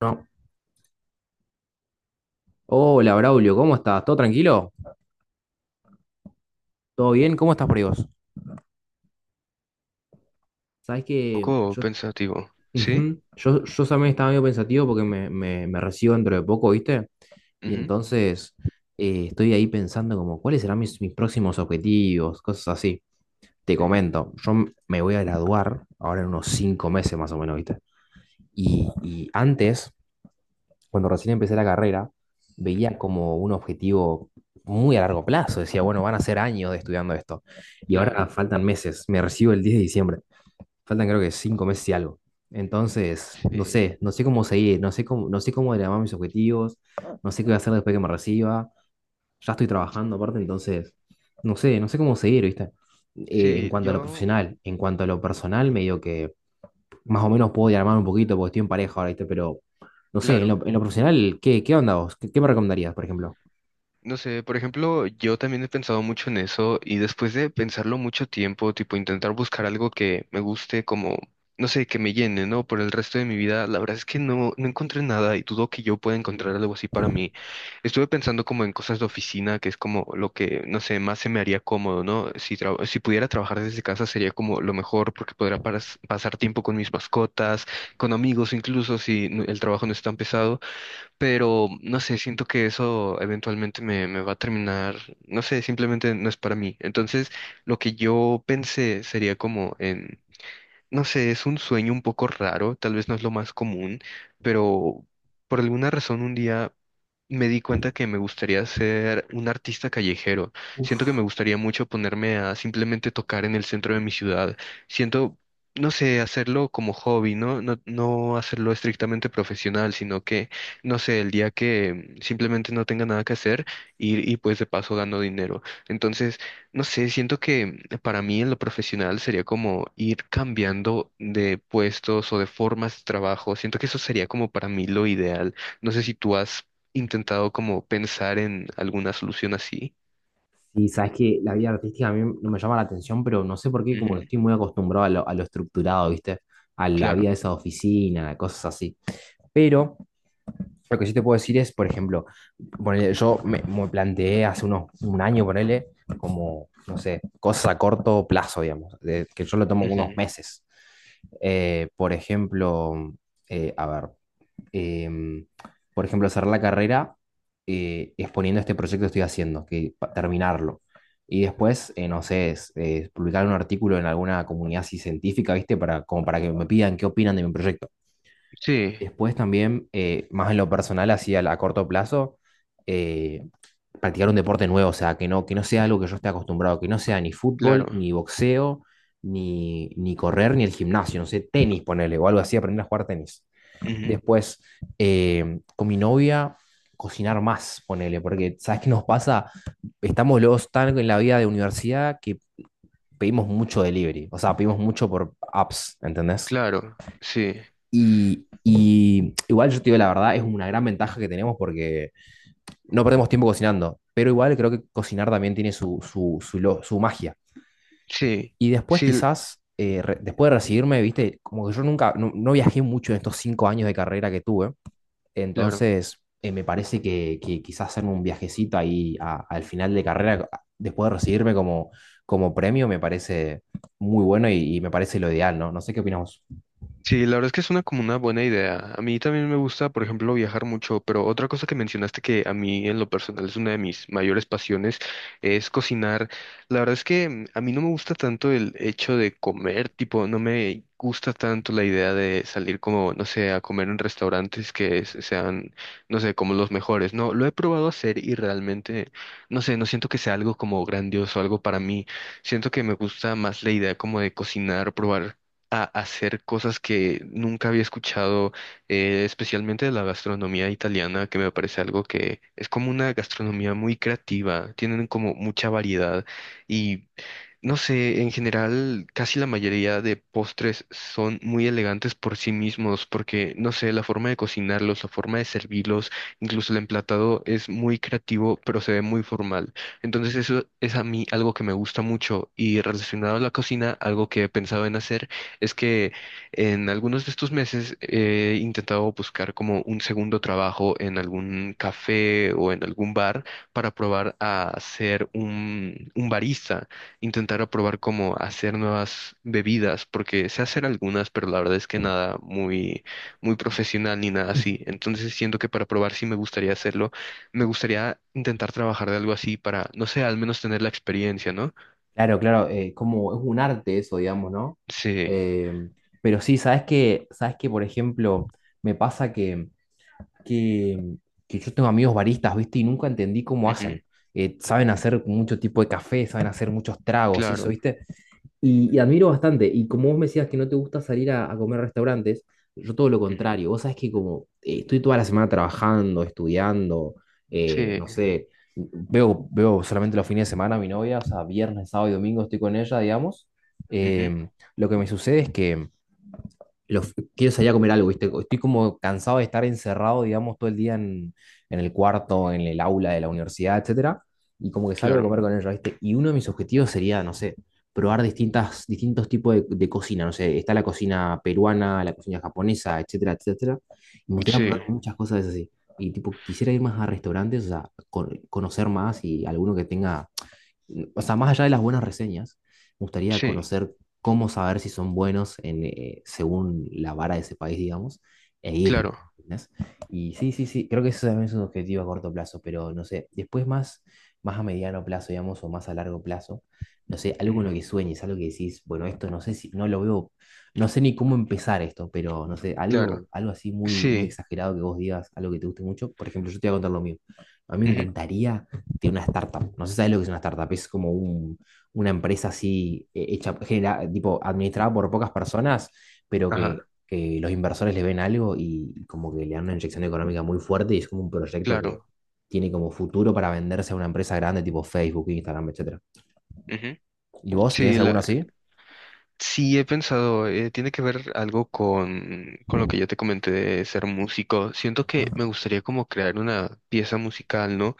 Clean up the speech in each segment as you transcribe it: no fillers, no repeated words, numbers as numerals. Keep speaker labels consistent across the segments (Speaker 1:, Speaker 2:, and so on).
Speaker 1: No. Hola, Braulio, ¿cómo estás? ¿Todo tranquilo? ¿Todo bien? ¿Cómo estás por ahí vos? Sabés que
Speaker 2: Poco
Speaker 1: yo,
Speaker 2: pensativo, ¿sí?
Speaker 1: ujú, yo también estaba medio pensativo porque me recibo dentro de poco, ¿viste? Y
Speaker 2: Ujú,
Speaker 1: entonces estoy ahí pensando como cuáles serán mis próximos objetivos, cosas así. Te
Speaker 2: sí,
Speaker 1: comento, yo me voy a graduar ahora en unos 5 meses más o menos, ¿viste? Y antes cuando recién empecé la carrera, veía
Speaker 2: ujú,
Speaker 1: como un objetivo muy a largo plazo. Decía, bueno, van a ser años de estudiando esto. Y ahora
Speaker 2: claro,
Speaker 1: faltan meses. Me recibo el 10 de diciembre. Faltan creo que 5 meses y algo. Entonces, no
Speaker 2: sí,
Speaker 1: sé, no sé cómo seguir, no sé cómo, no sé cómo llamar mis objetivos, no sé qué voy a hacer después que me reciba. Ya estoy trabajando aparte, entonces, no sé, no sé cómo seguir, ¿viste? En
Speaker 2: sí,
Speaker 1: cuanto a lo
Speaker 2: yo,
Speaker 1: profesional, en cuanto a lo personal,
Speaker 2: ujú,
Speaker 1: medio que más o menos puedo diagramar un poquito porque estoy en pareja ahora, ¿viste? Pero no sé, en
Speaker 2: claro,
Speaker 1: lo, en lo profesional, ¿qué onda vos? ¿Qué me recomendarías, por ejemplo?
Speaker 2: no sé, por ejemplo, yo también he pensado mucho en eso y después de pensarlo mucho tiempo, tipo intentar buscar algo que me guste como, no sé, que me llene, ¿no? Por el resto de mi vida, la verdad es que no encontré nada y dudo que yo pueda encontrar algo así para mí. Estuve pensando como en cosas de oficina, que es como lo que, no sé, más se me haría cómodo, ¿no? Si pudiera trabajar desde casa sería como lo mejor porque podría pasar tiempo con mis mascotas, con amigos, incluso el trabajo no es tan pesado, pero no sé, siento que eso eventualmente me va a terminar, no sé, simplemente no es para mí. Entonces, lo que yo pensé sería como en, no sé, es un sueño un poco raro, tal vez no es lo más común, pero por alguna razón un día me di cuenta que me gustaría ser un artista callejero. Siento que
Speaker 1: Uf.
Speaker 2: me gustaría mucho ponerme a simplemente tocar en el centro de mi ciudad. Siento, no sé, hacerlo como hobby, ¿no? No hacerlo estrictamente profesional, sino que, no sé, el día que simplemente no tenga nada que hacer y pues de paso gano dinero. Entonces, no sé, siento que para mí en lo profesional sería como ir cambiando de puestos o de formas de trabajo. Siento que eso sería como para mí lo ideal. No sé si tú has intentado como pensar en alguna solución así.
Speaker 1: Y sabes que la vida artística a mí no me llama la atención, pero no sé por qué,
Speaker 2: Ujú,
Speaker 1: como que estoy muy acostumbrado a lo estructurado, ¿viste? A la vida
Speaker 2: claro,
Speaker 1: de esa oficina, cosas así. Pero lo que sí te puedo decir es, por ejemplo, ponele, yo me planteé hace un año, ponele, como, no sé, cosas a corto plazo, digamos, que yo lo tomo unos
Speaker 2: ujú,
Speaker 1: meses. Por ejemplo, a ver. em, por ejemplo, cerrar la carrera exponiendo este proyecto que estoy haciendo, que terminarlo. Y después, no sé, publicar un artículo en alguna comunidad así científica, ¿viste? Para, como para que me pidan qué opinan de mi proyecto.
Speaker 2: sí,
Speaker 1: Después también, más en lo personal, así a corto plazo, eh, practicar un deporte nuevo, o sea, que no sea algo que yo esté acostumbrado, que no sea ni fútbol,
Speaker 2: claro,
Speaker 1: ni boxeo, ni correr, ni el gimnasio, no sé, tenis, ponerle o algo así, aprender a jugar tenis.
Speaker 2: ujú,
Speaker 1: Después, con mi novia, cocinar más, ponele, porque ¿sabes qué nos pasa? Estamos los tan en la vida de universidad que pedimos mucho delivery, o sea, pedimos mucho por apps, ¿entendés?
Speaker 2: claro, sí,
Speaker 1: Y igual yo te digo la verdad, es una gran ventaja que tenemos porque no perdemos tiempo cocinando, pero igual creo que cocinar también tiene su magia.
Speaker 2: sí,
Speaker 1: Y después
Speaker 2: sí, l-
Speaker 1: quizás, después de recibirme, viste, como que yo nunca, no viajé mucho en estos 5 años de carrera que tuve,
Speaker 2: claro.
Speaker 1: entonces, me parece que quizás hacerme un viajecito ahí al final de carrera, después de recibirme como premio, me parece muy bueno y me parece lo ideal, ¿no? No sé qué opinamos.
Speaker 2: Sí, la verdad es que es una como una buena idea. A mí también me gusta, por ejemplo, viajar mucho, pero otra cosa que mencionaste que a mí en lo personal es una de mis mayores pasiones es cocinar. La verdad es que a mí no me gusta tanto el hecho de comer, tipo, no me gusta tanto la idea de salir como, no sé, a comer en restaurantes sean, no sé, como los mejores. No, lo he probado a hacer y realmente, no sé, no siento que sea algo como grandioso, algo para mí. Siento que me gusta más la idea como de cocinar, probar a hacer cosas que nunca había escuchado, especialmente de la gastronomía italiana, que me parece algo que es como una gastronomía muy creativa, tienen como mucha variedad y no sé, en general casi la mayoría de postres son muy elegantes por sí mismos, porque no sé, la forma de cocinarlos, la forma de servirlos, incluso el emplatado es muy creativo, pero se ve muy formal. Entonces eso es a mí algo que me gusta mucho y relacionado a la cocina, algo que he pensado en hacer es que en algunos de estos meses he intentado buscar como un segundo trabajo en algún café o en algún bar para probar a ser un barista, intentar aprobar cómo hacer nuevas bebidas, porque sé hacer algunas, pero la verdad es que nada muy, muy profesional ni nada
Speaker 1: Ujú.
Speaker 2: así. Entonces siento que para probar sí me gustaría hacerlo. Me gustaría intentar trabajar de algo así para, no sé, al menos tener la experiencia, ¿no?
Speaker 1: Claro, claro, como es un arte eso, digamos, ¿no?
Speaker 2: Sí,
Speaker 1: Eh, pero sí, sabes que, por ejemplo, me pasa que, que yo tengo amigos baristas, ¿viste? Y nunca entendí cómo
Speaker 2: ujú,
Speaker 1: hacen. Saben hacer mucho tipo de café, saben hacer muchos tragos y eso,
Speaker 2: claro,
Speaker 1: ¿viste? Y admiro bastante. Y como vos me decías que no te gusta salir a comer a restaurantes, yo todo lo
Speaker 2: ujú,
Speaker 1: contrario. Vos sabés que como estoy toda la semana trabajando, estudiando,
Speaker 2: sí,
Speaker 1: no sé, veo solamente los fines de semana a mi novia, o sea, viernes, sábado y domingo estoy con ella, digamos.
Speaker 2: ujú,
Speaker 1: Em, lo que me sucede es que lo- quiero salir a comer algo, ¿viste? Estoy como cansado de estar encerrado, digamos, todo el día en el cuarto, en el aula de la universidad, etcétera, y como que salgo a comer
Speaker 2: claro,
Speaker 1: con ellos, ¿viste? Y uno de mis objetivos sería, no sé, probar distintos tipos de cocina, no sé, está la cocina peruana, la cocina japonesa, etcétera, etcétera, y me gustaría probar
Speaker 2: sí,
Speaker 1: muchas cosas así. Y tipo, quisiera ir más a restaurantes, o sea, conocer más y alguno que tenga o sea, más allá de las buenas reseñas, me gustaría
Speaker 2: sí,
Speaker 1: conocer cómo saber si son buenos en, según la vara de ese país, digamos, e ir.
Speaker 2: claro,
Speaker 1: ¿Entendés? Y sí, sí, sí, creo que eso también es un objetivo a corto plazo, pero no sé, después más, a mediano plazo, digamos, o más a largo plazo, no sé, algo con lo
Speaker 2: ujú,
Speaker 1: que sueñes, algo que decís, bueno, esto no sé si, no lo veo, no sé ni cómo empezar esto, pero no sé,
Speaker 2: claro,
Speaker 1: algo, algo así muy, muy
Speaker 2: sí,
Speaker 1: exagerado que vos digas, algo que te guste mucho. Por ejemplo, yo te voy a contar lo mío. A mí me
Speaker 2: ujú,
Speaker 1: encantaría tiene una startup. No sé si sabes lo que es una startup. Es como una empresa así hecha, tipo, administrada por pocas personas, pero que,
Speaker 2: ajá,
Speaker 1: que los inversores le ven algo y como que le dan una inyección económica muy fuerte y es como un proyecto que
Speaker 2: claro,
Speaker 1: tiene como futuro para venderse a una empresa grande tipo Facebook, Instagram, etcétera.
Speaker 2: ujú,
Speaker 1: ¿Y vos tenés
Speaker 2: sí,
Speaker 1: alguno
Speaker 2: la,
Speaker 1: así?
Speaker 2: sí, he pensado, tiene que ver algo con lo que yo te comenté de ser músico. Siento que me
Speaker 1: Ujú.
Speaker 2: gustaría como crear una pieza musical, ¿no?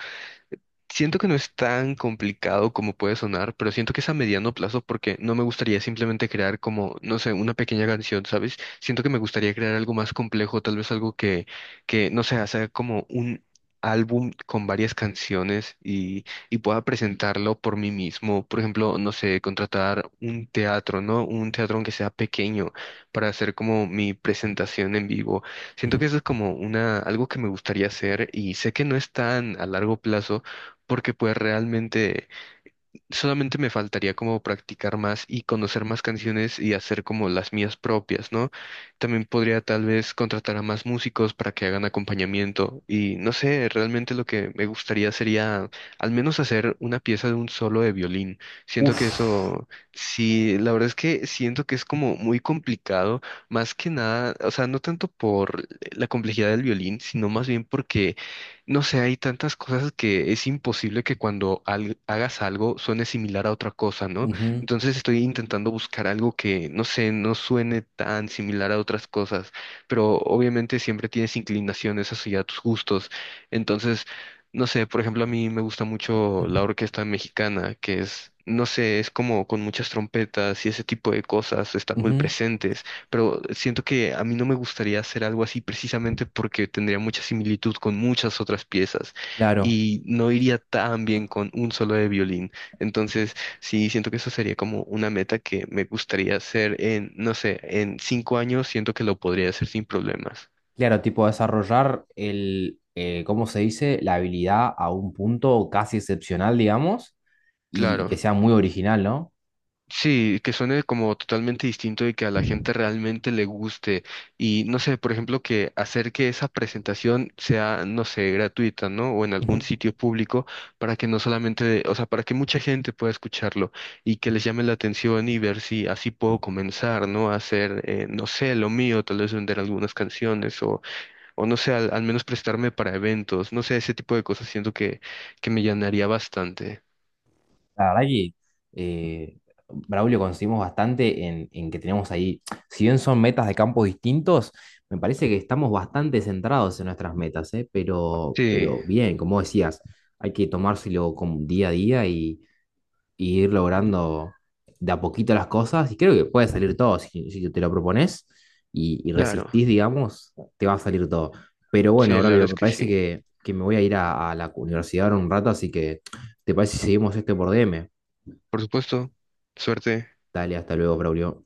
Speaker 2: Siento que no es tan complicado como puede sonar, pero siento que es a mediano plazo porque no me gustaría simplemente crear como, no sé, una pequeña canción, ¿sabes? Siento que me gustaría crear algo más complejo, tal vez algo que no sé, hacer como un álbum con varias canciones y pueda presentarlo por mí mismo. Por ejemplo, no sé, contratar un teatro, ¿no? Un teatro aunque sea pequeño para hacer como mi presentación en vivo. Siento que
Speaker 1: Ujú.
Speaker 2: eso es como una, algo que me gustaría hacer y sé que no es tan a largo plazo porque pues realmente solamente me faltaría como practicar más y conocer más canciones y hacer como las mías propias, ¿no? También podría tal vez contratar a más músicos para que hagan acompañamiento y no sé, realmente lo que me gustaría sería al menos hacer una pieza de un solo de violín. Siento que
Speaker 1: Uf,
Speaker 2: eso, sí, la verdad es que siento que es como muy complicado, más que nada, o sea, no tanto por la complejidad del violín, sino más bien porque no sé, hay tantas cosas que es imposible que cuando hagas algo suene similar a otra cosa, ¿no?
Speaker 1: ujú,
Speaker 2: Entonces estoy intentando buscar algo que, no sé, no suene tan similar a otras cosas, pero obviamente siempre tienes inclinaciones hacia tus gustos. Entonces, no sé, por ejemplo, a mí me gusta mucho la orquesta mexicana, que es, no sé, es como con muchas trompetas y ese tipo de cosas están muy
Speaker 1: ujú,
Speaker 2: presentes, pero siento que a mí no me gustaría hacer algo así precisamente porque tendría mucha similitud con muchas otras piezas
Speaker 1: claro,
Speaker 2: y no iría tan bien con un solo de violín. Entonces, sí, siento que eso sería como una meta que me gustaría hacer en, no sé, en 5 años, siento que lo podría hacer sin problemas.
Speaker 1: claro, tipo desarrollar ¿cómo se dice? La habilidad a un punto casi excepcional, digamos, y que
Speaker 2: Claro.
Speaker 1: sea muy original, ¿no?
Speaker 2: Sí, que suene como totalmente distinto y que a la gente realmente le guste. Y no sé, por ejemplo, que hacer que esa presentación sea, no sé, gratuita, ¿no? O en algún
Speaker 1: Ujú.
Speaker 2: sitio público para que no solamente, o sea, para que mucha gente pueda escucharlo y que les llame la atención y ver si así puedo comenzar, ¿no? A hacer, no sé, lo mío, tal vez vender algunas canciones o no sé, al, al menos prestarme para eventos, no sé, ese tipo de cosas siento que me llenaría bastante.
Speaker 1: La verdad que eh, Braulio coincidimos bastante en que tenemos ahí, si bien son metas de campos distintos, me parece que estamos bastante centrados en nuestras metas, ¿eh? Pero,
Speaker 2: Sí,
Speaker 1: pero bien, como decías, hay que tomárselo como día a día y ir logrando de a poquito las cosas. Y creo que puede salir todo. Si te lo propones y
Speaker 2: claro,
Speaker 1: resistís, digamos, te va a salir todo. Pero bueno,
Speaker 2: sí, claro
Speaker 1: Braulio,
Speaker 2: es
Speaker 1: me
Speaker 2: que
Speaker 1: parece
Speaker 2: sí.
Speaker 1: que me voy a ir a la universidad ahora un rato, así que ¿te parece si seguimos esto por DM?
Speaker 2: Por supuesto, suerte.
Speaker 1: Dale, hasta luego, Braulio.